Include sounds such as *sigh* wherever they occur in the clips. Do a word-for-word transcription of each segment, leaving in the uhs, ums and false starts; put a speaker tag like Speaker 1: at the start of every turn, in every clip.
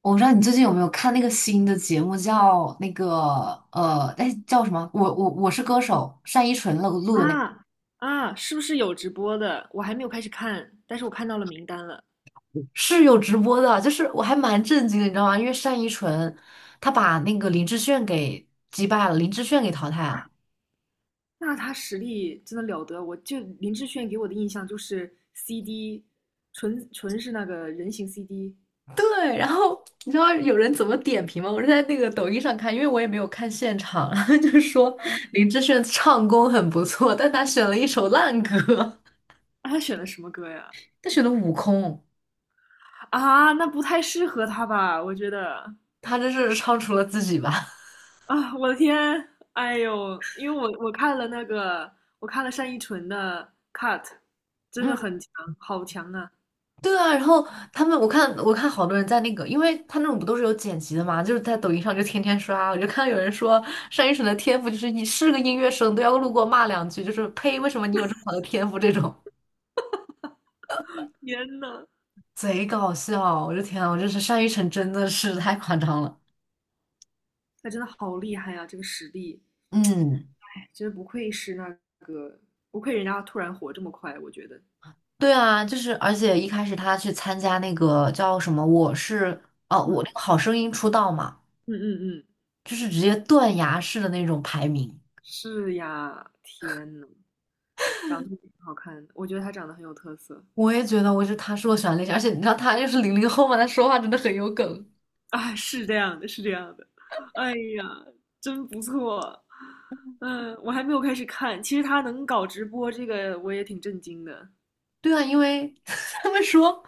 Speaker 1: 我不知道你最近有没有看那个新的节目，叫那个呃，哎，叫什么？我我我是歌手，单依纯录录的那个，
Speaker 2: 啊啊，是不是有直播的？我还没有开始看，但是我看到了名单了。
Speaker 1: 是有直播的，就是我还蛮震惊的，你知道吗？因为单依纯她把那个林志炫给击败了，林志炫给淘汰了。
Speaker 2: 那他实力真的了得，我就林志炫给我的印象就是 C D，纯纯是那个人形 C D。
Speaker 1: 对，然后你知道有人怎么点评吗？我是在那个抖音上看，因为我也没有看现场，*laughs* 然后就是说林志炫唱功很不错，但他选了一首烂歌，
Speaker 2: 啊，他选的什么歌呀？
Speaker 1: *laughs* 他选的《悟空》，
Speaker 2: 啊，那不太适合他吧？我觉得
Speaker 1: 他这是唱出了自己吧。
Speaker 2: 啊，我的天，哎呦，因为我我看了那个，我看了单依纯的 Cut，
Speaker 1: *laughs*
Speaker 2: 真的
Speaker 1: 嗯。
Speaker 2: 很强，好强啊！
Speaker 1: 对啊，然后他们，我看我看好多人在那个，因为他那种不都是有剪辑的嘛，就是在抖音上就天天刷，我就看到有人说单依纯的天赋就是你是个音乐生都要路过骂两句，就是呸，为什么你有这么好的天赋这种，
Speaker 2: 天呐，
Speaker 1: *laughs* 贼搞笑，我的天啊，我真是单依纯真的是太夸张了。
Speaker 2: 他真的好厉害呀！这个实力。
Speaker 1: 嗯，
Speaker 2: 真不愧是那个，不愧人家突然火这么快，我觉得，
Speaker 1: 对啊，就是而且一开始他去参加那个叫什么我是哦、我那个
Speaker 2: 嗯
Speaker 1: 好声音出道嘛，
Speaker 2: 嗯嗯嗯，
Speaker 1: 就是直接断崖式的那种排名。
Speaker 2: 是呀，天呐，长得挺好看的，我觉得他长得很有特色
Speaker 1: 我也觉得我觉得他是我喜欢的类型，而且你知道他又是零零后嘛，他说话真的很有梗。
Speaker 2: 啊，是这样的，是这样的，哎呀，真不错，嗯，我还没有开始看，其实他能搞直播这个，我也挺震惊的，
Speaker 1: 对啊，因为 *laughs* 他们说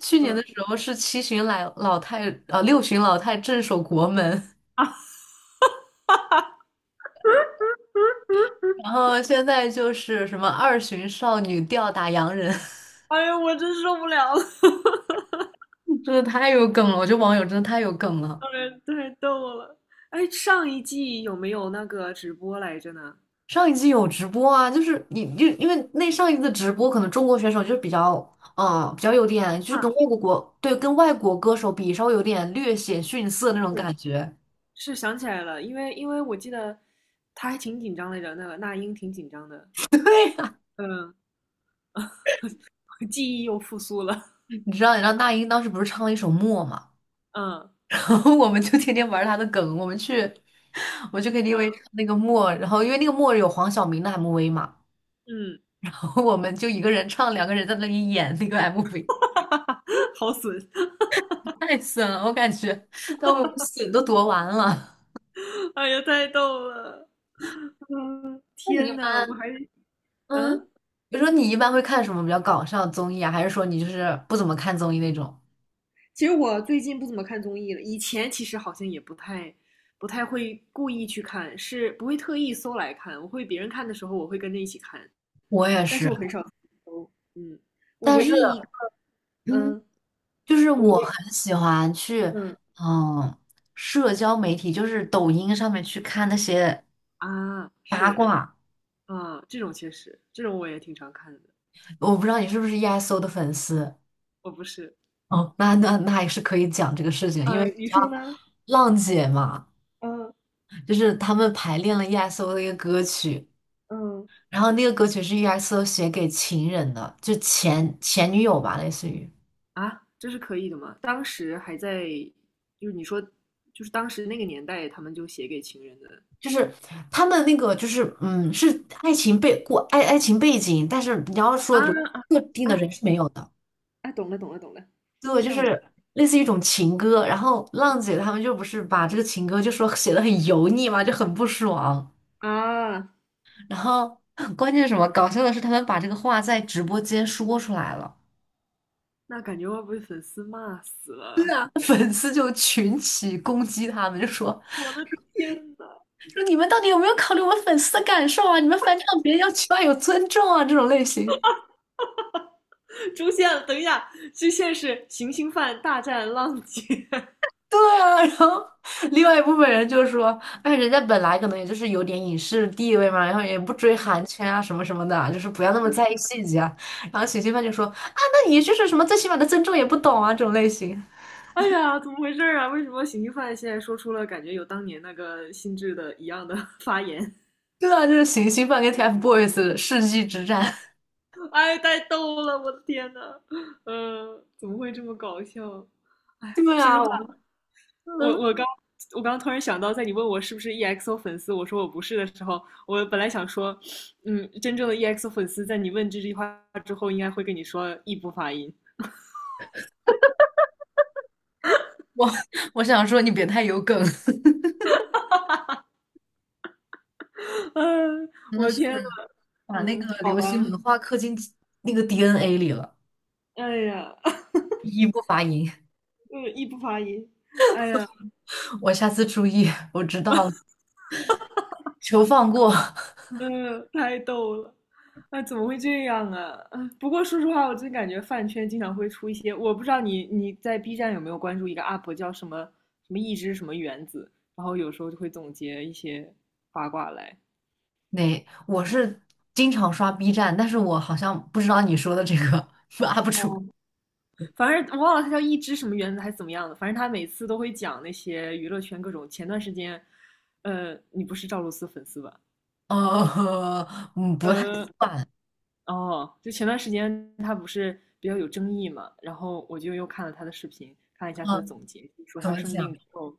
Speaker 1: 去年的
Speaker 2: 嗯，
Speaker 1: 时候是七旬老老太呃六旬老太镇守国门，然后现在就是什么二旬少女吊打洋人，
Speaker 2: 哎呀，我真受不了了，*laughs*
Speaker 1: *laughs* 真的太有梗了。我觉得网友真的太有梗了。
Speaker 2: 当然太逗了，哎，上一季有没有那个直播来着呢？
Speaker 1: 上一季有直播啊，就是你就因为那上一次直播，可能中国选手就是比较。啊、呃比较有点，就是
Speaker 2: 啊，
Speaker 1: 跟外国国，对，跟外国歌手比，稍微有点略显逊色那种
Speaker 2: 对，
Speaker 1: 感觉。
Speaker 2: 是想起来了，因为因为我记得他还挺紧张来着，那个那英挺紧张的，嗯，*laughs* 记忆又复苏了，
Speaker 1: 你知道，你知道那英当时不是唱了一首《默》嘛，
Speaker 2: 嗯
Speaker 1: *laughs* 然后我们就天天玩她的梗，我们去，我去 K T V
Speaker 2: 嗯，
Speaker 1: 唱那个《默》，然后因为那个《默》有黄晓明的 M V 嘛，
Speaker 2: 嗯，
Speaker 1: *laughs* 然后我们就一个人唱，两个人在那里演那个 M V,
Speaker 2: *laughs* 好损，*laughs*
Speaker 1: 太损了，我感觉都被我们损都夺完了。
Speaker 2: 哎呀，太逗了，
Speaker 1: *laughs* 那你一
Speaker 2: 天呐，
Speaker 1: 般，
Speaker 2: 我还
Speaker 1: 嗯，
Speaker 2: 嗯，
Speaker 1: 比如说你一般会看什么比较搞笑的综艺啊，还是说你就是不怎么看综艺那种？
Speaker 2: 其实我最近不怎么看综艺了，以前其实好像也不太不太会故意去看，是不会特意搜来看，我会别人看的时候我会跟着一起看，
Speaker 1: 我也
Speaker 2: 但是
Speaker 1: 是，
Speaker 2: 我很少搜，嗯，我
Speaker 1: 但
Speaker 2: 唯
Speaker 1: 是，
Speaker 2: 一一个
Speaker 1: 嗯，
Speaker 2: 嗯，
Speaker 1: 就是
Speaker 2: 我
Speaker 1: 我
Speaker 2: 唯
Speaker 1: 很喜欢去，
Speaker 2: 嗯
Speaker 1: 嗯，社交媒体，就是抖音上面去看那些
Speaker 2: 啊
Speaker 1: 八
Speaker 2: 是。
Speaker 1: 卦。
Speaker 2: 啊，这种确实，这种我也挺常看的。
Speaker 1: 我不知道你是不是 e S o 的粉丝，
Speaker 2: 我不是，
Speaker 1: 哦，那那那也是可以讲这个事情，因为
Speaker 2: 啊，
Speaker 1: 你
Speaker 2: 你
Speaker 1: 知
Speaker 2: 说
Speaker 1: 道
Speaker 2: 呢？
Speaker 1: 浪姐嘛，
Speaker 2: 嗯
Speaker 1: 就是他们排练了 e S o 的一个歌曲，
Speaker 2: 嗯，
Speaker 1: 然后那个歌曲是 e S o 写给情人的，就前前女友吧，类似于。
Speaker 2: 啊，这是可以的吗？当时还在，就是你说，就是当时那个年代，他们就写给情人的
Speaker 1: 就是他们那个，就是嗯，是爱情背过爱爱情背景，但是你要说
Speaker 2: 啊
Speaker 1: 就
Speaker 2: 啊
Speaker 1: 特定
Speaker 2: 啊
Speaker 1: 的人是没有的。
Speaker 2: 啊！懂了懂了懂了，
Speaker 1: 对，就
Speaker 2: 吓我一
Speaker 1: 是类似于一种情歌。然后浪姐他们就不是把这个情歌就说写的很油腻嘛，就很不爽。
Speaker 2: 跳啊！
Speaker 1: 然后 *laughs* 关键是什么？搞笑的是，他们把这个话在直播间说出来了，
Speaker 2: 那感觉会不会粉丝骂死了？
Speaker 1: *laughs* 粉丝就群起攻击他们，就说
Speaker 2: 我的天呐，
Speaker 1: 说你们到底有没有考虑我们粉丝的感受啊？你们翻唱别人要起码有尊重啊，这种类型。
Speaker 2: 出现了，等一下，这现是行星犯大战浪姐。
Speaker 1: 对啊，*laughs* 然后另外一部分人就说，哎，人家本来可能也就是有点影视地位嘛，然后也不追韩
Speaker 2: *laughs*
Speaker 1: 圈啊什么什么的啊，就是不要那么在意细节啊。然后行星饭就说，啊，那你就是什么最起码的尊重也不懂啊这种类型。
Speaker 2: *laughs* 哎呀，怎么回事儿啊？为什么刑犯现在说出了感觉有当年那个心智的一样的 *laughs* 发言？
Speaker 1: 对啊，就是行星饭跟 TFBOYS 的世纪之战。
Speaker 2: 哎，太逗了，我的天呐，呃，怎么会这么搞笑？
Speaker 1: *laughs* 对
Speaker 2: 说实
Speaker 1: 啊，
Speaker 2: 话，
Speaker 1: 我
Speaker 2: 我
Speaker 1: 嗯，
Speaker 2: 我刚我刚突然想到，在你问我是不是 E X O 粉丝，我说我不是的时候，我本来想说，嗯，真正的 E X O 粉丝在你问这句话之后，应该会跟你说异步发音。
Speaker 1: 我我想说你别太有梗，
Speaker 2: 嗯、
Speaker 1: 真
Speaker 2: 我
Speaker 1: 的
Speaker 2: 的
Speaker 1: 是
Speaker 2: 天呐，
Speaker 1: 把那
Speaker 2: 嗯，
Speaker 1: 个
Speaker 2: 好
Speaker 1: 流
Speaker 2: 吧，
Speaker 1: 行文化刻进那个 D N A 里了，
Speaker 2: 哎呀，*laughs*
Speaker 1: 一不发音。
Speaker 2: 嗯，异步发音。
Speaker 1: 我下次注意，我知道了求放过。
Speaker 2: 嗯，太逗了，那怎么会这样啊？*laughs* 啊不过说实话，我真感觉饭圈经常会出一些，我不知道你你在 B 站有没有关注一个 U P 叫什么什么一只什么原子，然后有时候就会总结一些八卦来。
Speaker 1: 那我是经常刷 B 站，但是我好像不知道你说的这个 *laughs* u 不出
Speaker 2: 反正我忘了他叫一只什么原子还是怎么样的，反正他每次都会讲那些娱乐圈各种。前段时间，呃，你不是赵露思粉丝吧？
Speaker 1: *laughs*。呃，嗯，不太
Speaker 2: 嗯。
Speaker 1: 算，
Speaker 2: 哦，就前段时间他不是比较有争议嘛，然后我就又看了他的视频，看了一下他的
Speaker 1: 嗯，
Speaker 2: 总结，就说
Speaker 1: 怎
Speaker 2: 他
Speaker 1: 么
Speaker 2: 生病
Speaker 1: 讲？
Speaker 2: 之后，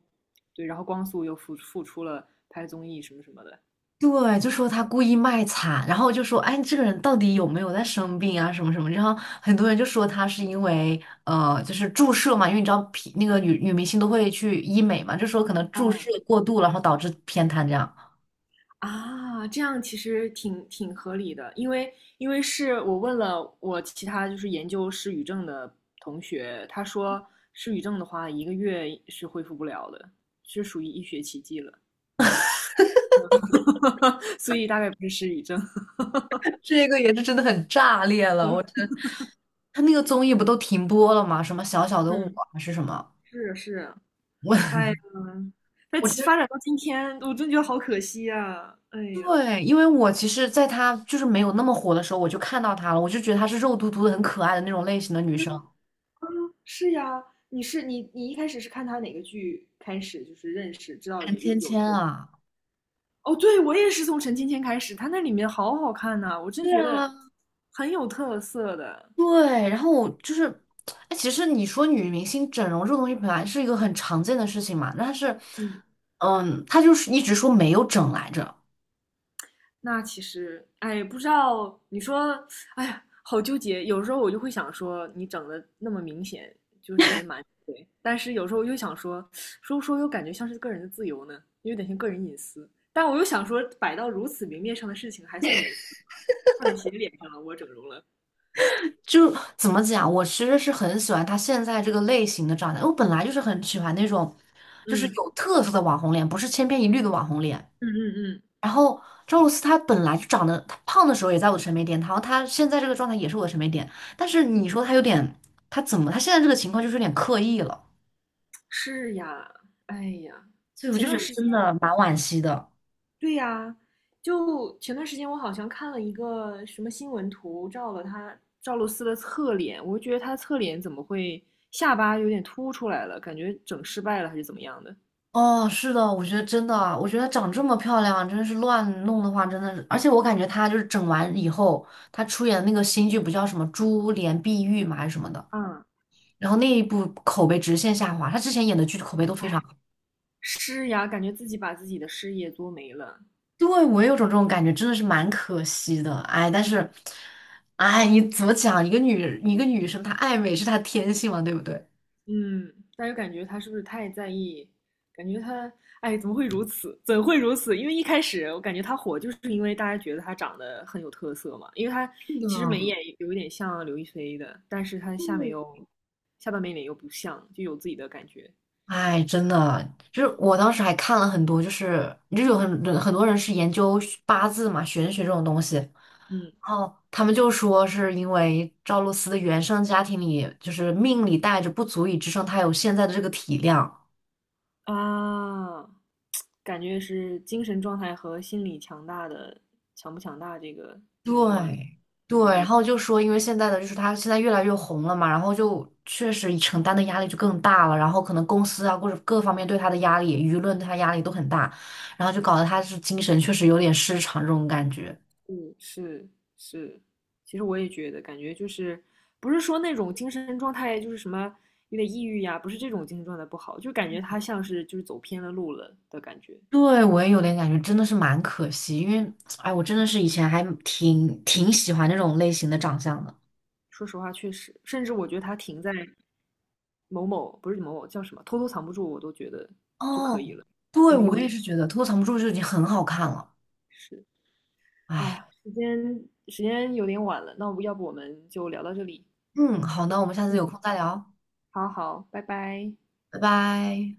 Speaker 2: 对，然后光速又复复出了拍综艺什么什么的。
Speaker 1: 对，就说他故意卖惨，然后就说，哎，这个人到底有没有在生病啊，什么什么？然后很多人就说他是因为，呃，就是注射嘛，因为你知道皮那个女女明星都会去医美嘛，就说可能注射
Speaker 2: 嗯，
Speaker 1: 过度了然后导致偏瘫这样。
Speaker 2: 啊，这样其实挺挺合理的，因为因为是我问了我其他就是研究失语症的同学，他说失语症的话一个月是恢复不了的，是属于医学奇迹了，*laughs* 所以大概不是失语症。
Speaker 1: *laughs* 这个也是真的很炸裂了，我
Speaker 2: *laughs*
Speaker 1: 真，他那个综艺不都停播了吗？什么小小的我
Speaker 2: 嗯，
Speaker 1: 还是什么？
Speaker 2: 是是，
Speaker 1: 我
Speaker 2: 哎呀，它
Speaker 1: 我觉
Speaker 2: 其
Speaker 1: 得
Speaker 2: 发展到今天，我真觉得好可惜啊！哎呀，
Speaker 1: 对，因为我其实在她就是没有那么火的时候，我就看到她了，我就觉得她是肉嘟嘟的、很可爱的那种类型的女生，
Speaker 2: 嗯，是呀，你是你你一开始是看他哪个剧开始就是认识知道
Speaker 1: 韩
Speaker 2: 有
Speaker 1: 芊
Speaker 2: 有
Speaker 1: 芊
Speaker 2: 这个人？
Speaker 1: 啊，
Speaker 2: 哦，对，我也是从陈芊芊开始，他那里面好好看呐、我真
Speaker 1: 对
Speaker 2: 觉得
Speaker 1: 啊，
Speaker 2: 很有特色的。
Speaker 1: 对。然后我就是，哎，其实你说女明星整容这个东西本来是一个很常见的事情嘛，但是，
Speaker 2: 嗯，
Speaker 1: 嗯，她就是一直说没有整来着，
Speaker 2: 那其实，哎，不知道你说，哎呀，好纠结。有时候我就会想说，你整的那么明显，就是别瞒着对但是有时候我又想说，说不说又感觉像是个人的自由呢，又有点像个人隐私。但我又想说，摆到如此明面上的事情还算隐私吗？差点写脸上了，我整容了。
Speaker 1: 就怎么讲，我其实是很喜欢她现在这个类型的长相，我本来就是很喜欢那种就是
Speaker 2: 嗯
Speaker 1: 有特色的网红脸，不是千篇一律的网红脸。
Speaker 2: 嗯嗯嗯，
Speaker 1: 然后赵露思她本来就长得，她胖的时候也在我的审美点，然后她现在这个状态也是我的审美点，但是你说她有点，她怎么，她现在这个情况就是有点刻意了，
Speaker 2: 是呀，哎呀，
Speaker 1: 所以我
Speaker 2: 前
Speaker 1: 就觉
Speaker 2: 段
Speaker 1: 得
Speaker 2: 时
Speaker 1: 真的
Speaker 2: 间。
Speaker 1: 蛮惋惜的。
Speaker 2: 对呀，就前段时间我好像看了一个什么新闻图，照了他赵露思的侧脸，我就觉得她侧脸怎么会下巴有点凸出来了，感觉整失败了还是怎么样的？
Speaker 1: 哦，是的，我觉得真的啊，我觉得长这么漂亮，真的是乱弄的话，真的是，而且我感觉她就是整完以后，她出演的那个新剧不叫什么《珠帘碧玉》嘛，还是什么的，
Speaker 2: 嗯，
Speaker 1: 然后那一部口碑直线下滑，她之前演的剧口碑都非常。
Speaker 2: 哎，施呀，感觉自己把自己的事业做没了。
Speaker 1: 对，我也有种这种感觉，真的是蛮可惜的。哎，但是，哎，你怎么讲？一个女，一个女生她爱美是她天性嘛，对不对？
Speaker 2: 嗯，但又感觉他是不是太在意？感觉他，哎，怎么会如此？怎会如此？因为一开始我感觉他火，就是因为大家觉得他长得很有特色嘛。因为他
Speaker 1: 是的，
Speaker 2: 其实眉眼有一点像刘亦菲的，但是他下面
Speaker 1: 对，
Speaker 2: 又下半边脸又不像，就有自己的感觉。
Speaker 1: 哎，真的，就是我当时还看了很多，就是就有很很多人是研究八字嘛、玄学这种东西，然
Speaker 2: 嗯
Speaker 1: 后他们就说是因为赵露思的原生家庭里，就是命里带着不足以支撑她有现在的这个体量。
Speaker 2: 啊，感觉是精神状态和心理强大的强不强大这个挺有关的。
Speaker 1: 对对，
Speaker 2: 嗯
Speaker 1: 然后就说，因为现在的就是他现在越来越红了嘛，然后就确实承担的压力就更大了，然后可能公司啊或者各方面对他的压力，舆论对他压力都很大，然后就搞得他是精神确实有点失常这种感觉。
Speaker 2: 嗯，是是，其实我也觉得，感觉就是不是说那种精神状态就是什么有点抑郁呀，不是这种精神状态不好，就感觉他像是就是走偏了路了的感觉。
Speaker 1: 对，我也有点感觉，真的是蛮可惜，因为哎，我真的是以前还挺挺喜欢这种类型的长相的。
Speaker 2: 说实话，确实，甚至我觉得他停在某某不是某某叫什么，偷偷藏不住，我都觉得就可以
Speaker 1: 哦，
Speaker 2: 了。
Speaker 1: 对，我也是觉得《偷藏不住》就已经很好看了。
Speaker 2: 是，哎
Speaker 1: 哎，
Speaker 2: 呀，时间时间有点晚了，那我要不我们就聊到这里。
Speaker 1: 嗯，好的，我们下次有
Speaker 2: 嗯，
Speaker 1: 空再聊，
Speaker 2: 好好，拜拜。
Speaker 1: 拜拜。